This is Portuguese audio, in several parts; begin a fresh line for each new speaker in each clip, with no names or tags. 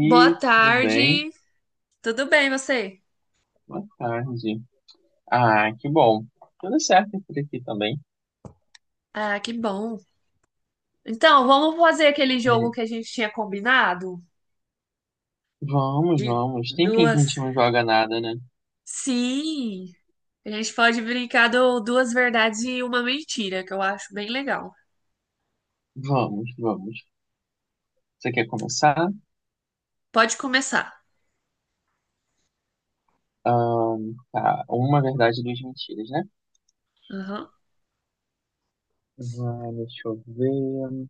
Boa
tudo bem?
tarde. Tudo bem, você?
Boa tarde. Ah, que bom. Tudo certo por aqui também.
Ah, que bom. Então, vamos fazer aquele jogo
É,
que a gente tinha combinado?
vamos,
De
vamos. Tem fim que a gente
duas.
não joga nada, né?
Sim, a gente pode brincar do duas verdades e uma mentira, que eu acho bem legal.
Vamos, vamos. Você quer começar?
Pode começar.
Tá, uma verdade e duas mentiras, né?
Aham.
Ah, deixa eu ver.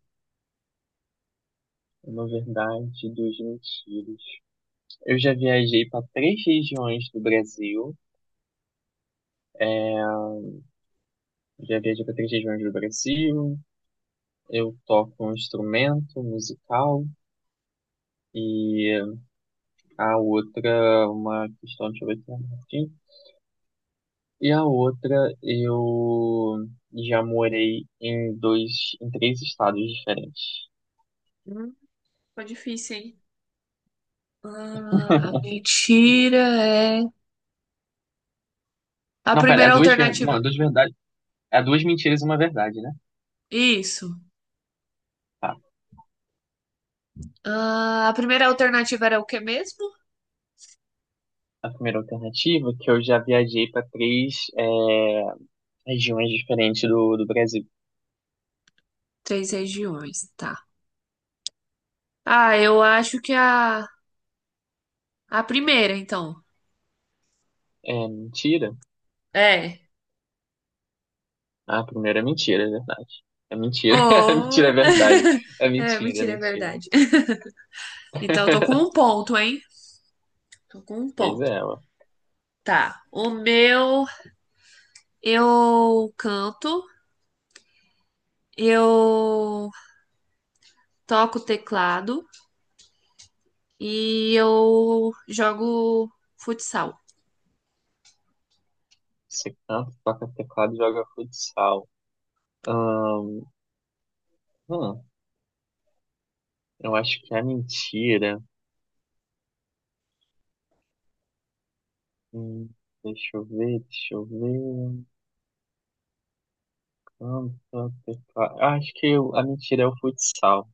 Uma verdade e duas mentiras. Eu já viajei para três regiões do Brasil. Já viajei para três regiões do Brasil. Eu toco um instrumento musical. E a outra, uma questão, deixa eu ver se é aqui. E a outra, eu já morei em dois, em três estados diferentes.
Hum, ficou difícil, hein? Ah, a mentira é. A
Não, pera, é
primeira
duas, não,
alternativa.
é duas verdades, é duas mentiras e uma verdade, né?
Isso.
Tá.
Ah, a primeira alternativa era o que mesmo?
A primeira alternativa, é que eu já viajei para três, regiões diferentes do Brasil.
Três regiões, tá. Ah, eu acho que a. A primeira, então.
É mentira?
É.
Ah, a primeira é mentira, é verdade. É mentira, é
Oh!
mentira, é verdade. É
É,
mentira, é
mentira, é
mentira.
verdade. Então, eu tô com um ponto, hein? Tô com um
Pois
ponto.
é, ué.
Tá. O meu, eu canto, eu toco teclado e eu jogo futsal.
Você canta, toca teclado e joga futsal. Ahn, hum, eu acho que é mentira. Hum, Deixa eu ver, deixa eu ver. Canta, teclado. Eu acho que a mentira é o futsal.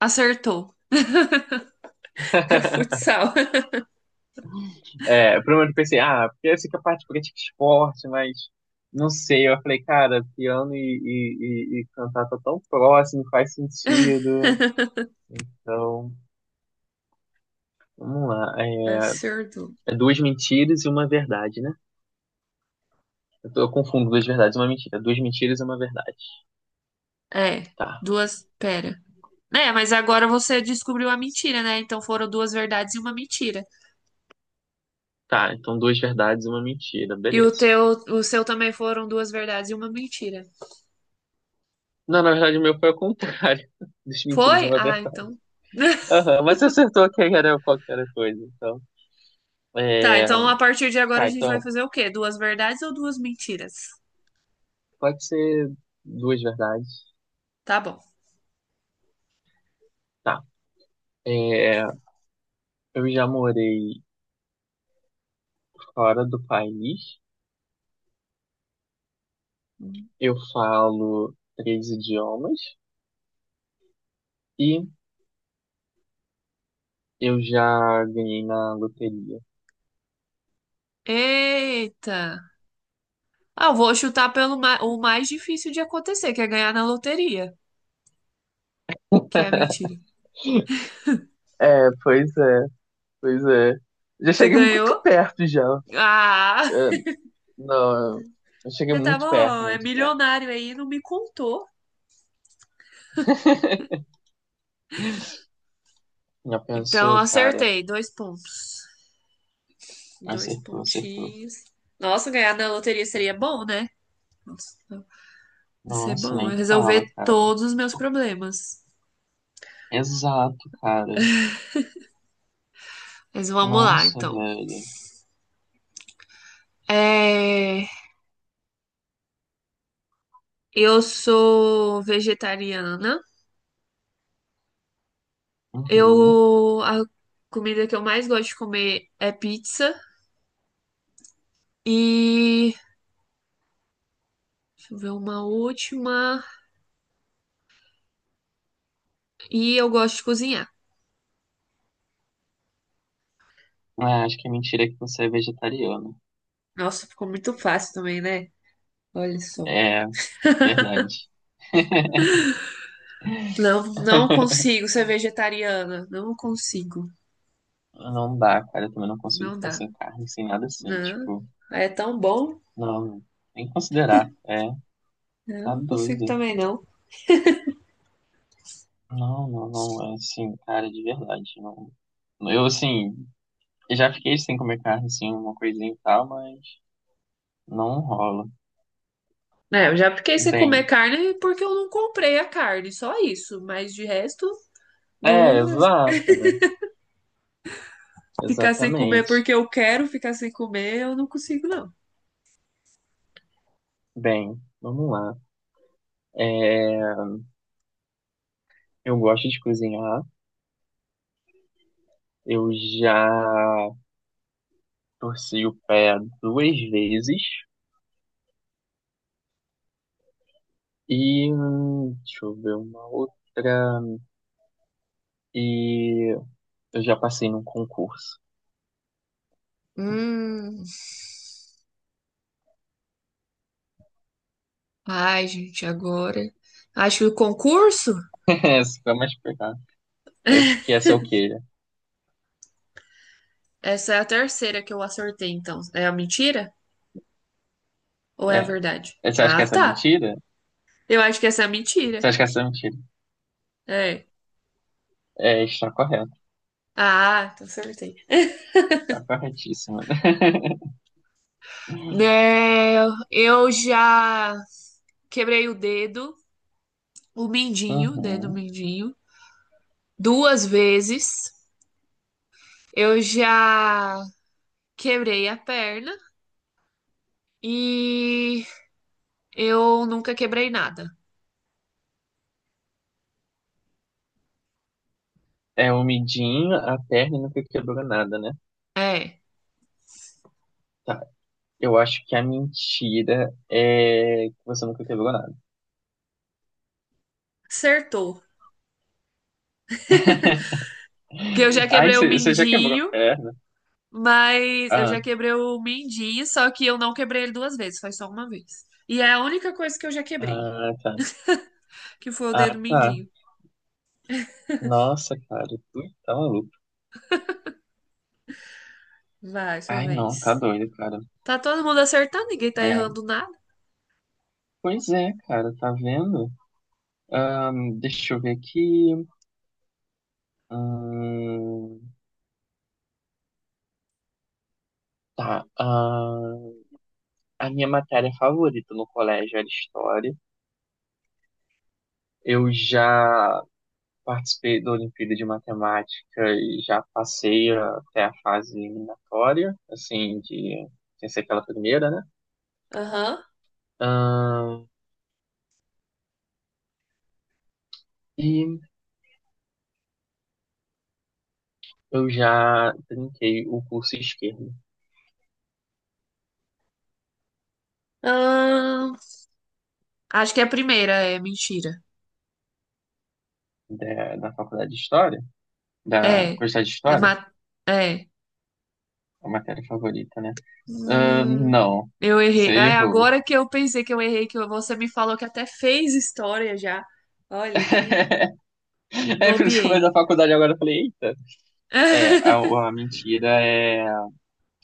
Acertou. É futsal.
É, primeiro eu pensei, ah, porque eu sei que é a parte política é esporte, mas não sei. Eu falei, cara, piano e cantar tá tão próximo, faz sentido. Então, vamos lá. É,
Acertou.
é duas mentiras e uma verdade, né? Eu confundo duas verdades e uma mentira. Duas mentiras e uma verdade.
É,
Tá.
duas. Pera. É, mas agora você descobriu a mentira, né? Então foram duas verdades e uma mentira.
Tá, então duas verdades e uma mentira.
E o
Beleza.
teu, o seu também foram duas verdades e uma mentira.
Não, na verdade o meu foi ao contrário. Duas mentiras e
Foi?
uma
Ah,
verdade.
então.
Aham, mas você acertou que era qualquer coisa, então.
Tá,
É...
então a partir de agora a
Tá,
gente vai
então.
fazer o quê? Duas verdades ou duas mentiras?
Pode ser duas verdades.
Tá bom.
Tá. É... Eu já morei fora do país. Eu falo três idiomas. E eu já ganhei na loteria.
Eita! Ah, eu vou chutar pelo o mais difícil de acontecer, que é ganhar na loteria, que é a mentira.
É, pois é. Pois é. Já
Você
cheguei muito
ganhou?
perto já.
Ah!
É, não, eu cheguei
Já tá
muito perto,
bom, é
muito perto.
milionário aí, não me contou.
Já
Então
pensou, cara?
acertei, dois pontos. Dois
Acertou, acertou.
pontinhos. Nossa, ganhar na loteria seria bom, né? Nossa, vai ser
Nossa,
bom.
nem
Eu resolver
fala, cara.
todos os meus
Tipo,
problemas.
exato, cara.
Mas vamos lá,
Nossa,
então.
velho.
É, eu sou vegetariana.
Uhum.
Eu... a comida que eu mais gosto de comer é pizza. E... deixa eu ver uma última. E eu gosto de cozinhar.
Ah, acho que a mentira é que você é vegetariano.
Nossa, ficou muito fácil também, né? Olha só.
É, verdade.
Não, não consigo ser vegetariana. Não consigo.
Não dá, cara. Eu também não consigo
Não
ficar
dá.
sem carne, sem nada assim.
Não.
Tipo,
É tão bom.
não, nem considerar. É, tá
Não consigo
doido.
também, não.
Não, não, não, é assim, cara, de verdade, não. Eu, assim, já fiquei sem comer carne, assim, uma coisinha e tal, mas não rola.
É, eu já fiquei sem comer
Bem,
carne porque eu não comprei a carne, só isso. Mas de resto,
é,
não
exato, né?
ficar sem comer
Exatamente.
porque eu quero ficar sem comer, eu não consigo, não.
Bem, vamos lá. É, eu gosto de cozinhar, eu já torci o pé duas vezes e, deixa eu ver, uma outra, e eu já passei num concurso.
Hum. Ai, gente, agora. Acho que o concurso?
Essa foi mais pegar. É, que essa é o quê?
Essa é a terceira que eu acertei, então. É a mentira ou é a
É,
verdade?
você acha
Ah,
que essa é
tá.
mentira?
Eu acho que essa é a
Você
mentira.
acha que essa é mentira?
É.
É, está correto.
Ah, então acertei.
Está corretíssima.
Né, eu já quebrei o dedo, o mindinho, dedo
Uhum.
mindinho. Duas vezes. Eu já quebrei a perna e eu nunca quebrei nada.
É o midinho a perna e nunca quebrou nada, né?
É,
Tá. Eu acho que a mentira é que você nunca quebrou nada.
acertou. Porque eu já
Ai,
quebrei o
você já quebrou a
mindinho,
perna?
mas eu
Ah,
já quebrei o mindinho, só que eu não quebrei ele duas vezes, foi só uma vez. E é a única coisa que eu já quebrei,
ah, tá.
que foi o
Ah,
dedo
tá.
mindinho.
Nossa, cara, tu tá maluco.
Vai, sua
Ai, não, tá
vez.
doido, cara.
Tá todo mundo acertando, ninguém tá
É,
errando nada.
pois é, cara, tá vendo? Deixa eu ver aqui. Hum, Tá, ah, a minha matéria favorita no colégio era história. Eu já participei da Olimpíada de Matemática e já passei até a fase eliminatória, assim, de sem ser aquela primeira, né?
Aham.
Ah, e eu já trinquei o curso esquerdo
Ahn, acho que é a primeira é mentira.
da Faculdade de História, da
É.
Curso de
É.
História,
É.
a matéria favorita, né? Ah,
Hum,
não,
eu errei.
você
É,
errou.
agora que eu pensei que eu errei, que você me falou que até fez história já. Olha que
É por isso que eu fiz
bobiei.
a faculdade agora, eu falei, eita. É, a mentira é,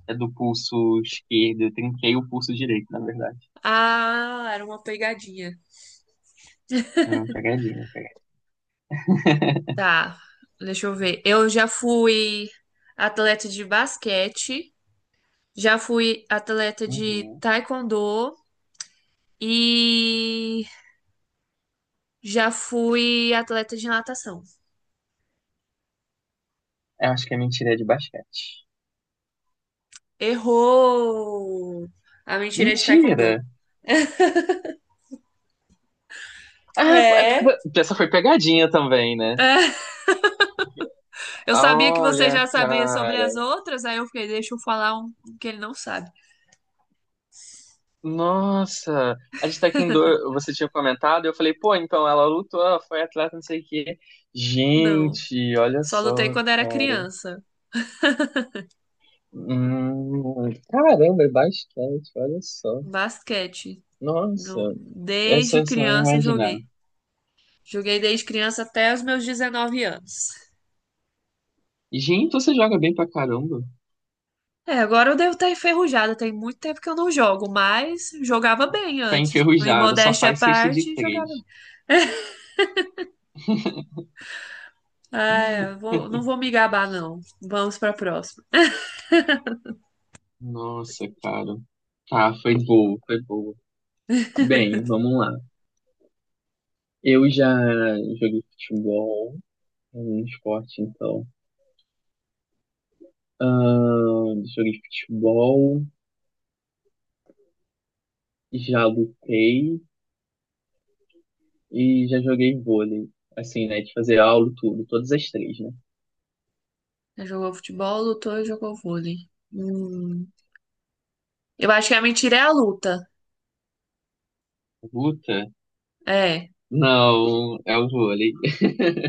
é do pulso esquerdo. Eu trinquei o pulso direito, na verdade.
Ah, era uma pegadinha.
Pegadinha, pegadinha.
Tá, deixa eu ver. Eu já fui atleta de basquete, já fui atleta de
Uhum.
taekwondo e já fui atleta de natação.
Eu acho que a mentira é de basquete.
Errou! A mentira é de
Mentira!
taekwondo.
Ah, é porque
É?
essa foi pegadinha também, né?
É, eu
Ah,
sabia que você
olha,
já sabia sobre
cara.
as outras, aí eu fiquei, deixa eu falar um que ele não sabe.
Nossa, a gente tá aqui em dor. Você tinha comentado, eu falei, pô, então ela lutou, ela foi atleta, não sei o quê.
Não,
Gente, olha
só lutei
só,
quando era
cara.
criança.
Caramba, é basquete, olha só.
Basquete.
Nossa, essa
Desde
é só
criança eu
imaginar.
joguei. Joguei desde criança até os meus 19 anos.
Gente, você joga bem pra caramba.
É, agora eu devo estar enferrujada, tem muito tempo que eu não jogo, mas jogava bem
Tá
antes. Em
enferrujado, só
modéstia à
faz cesta de
parte, jogava.
três.
Bem. Ah, não vou me gabar, não. Vamos para a próxima.
Nossa, cara. Tá, foi boa, foi boa. Bem, vamos lá. Eu já joguei futebol, é um esporte então. Joguei futebol, já lutei e já joguei vôlei. Assim, né, de fazer aula, tudo, todas as três, né?
Jogou futebol, lutou e jogou vôlei. Hum, eu acho que a mentira é a luta.
Luta?
É.
Não, é o vôlei.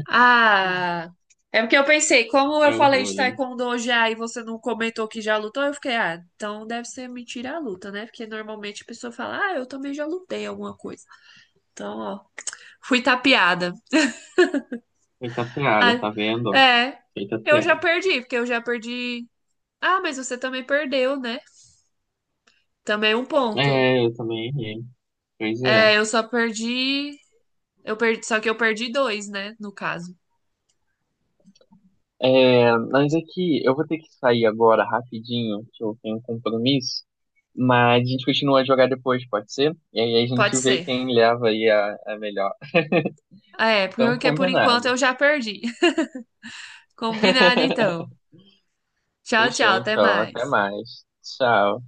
Ah, é porque eu pensei, como eu
É o
falei de
vôlei.
taekwondo já e você não comentou que já lutou, eu fiquei, ah, então deve ser mentira a luta, né? Porque normalmente a pessoa fala, ah, eu também já lutei alguma coisa. Então, ó, fui tapeada.
Feita piada,
Ah,
tá vendo?
é,
Feita piada.
porque eu já perdi. Ah, mas você também perdeu, né? Também é um ponto.
É, eu também errei. Pois é.
É, eu perdi, só que eu perdi dois, né, no caso.
É, mas aqui, eu vou ter que sair agora rapidinho, que eu tenho um compromisso. Mas a gente continua a jogar depois, pode ser? E aí a
Pode
gente vê
ser.
quem leva aí a melhor.
É,
Então,
porque por enquanto
combinado.
eu já perdi. Combinado então. Tchau,
Fechou,
tchau, até
então. Até
mais.
mais. Tchau.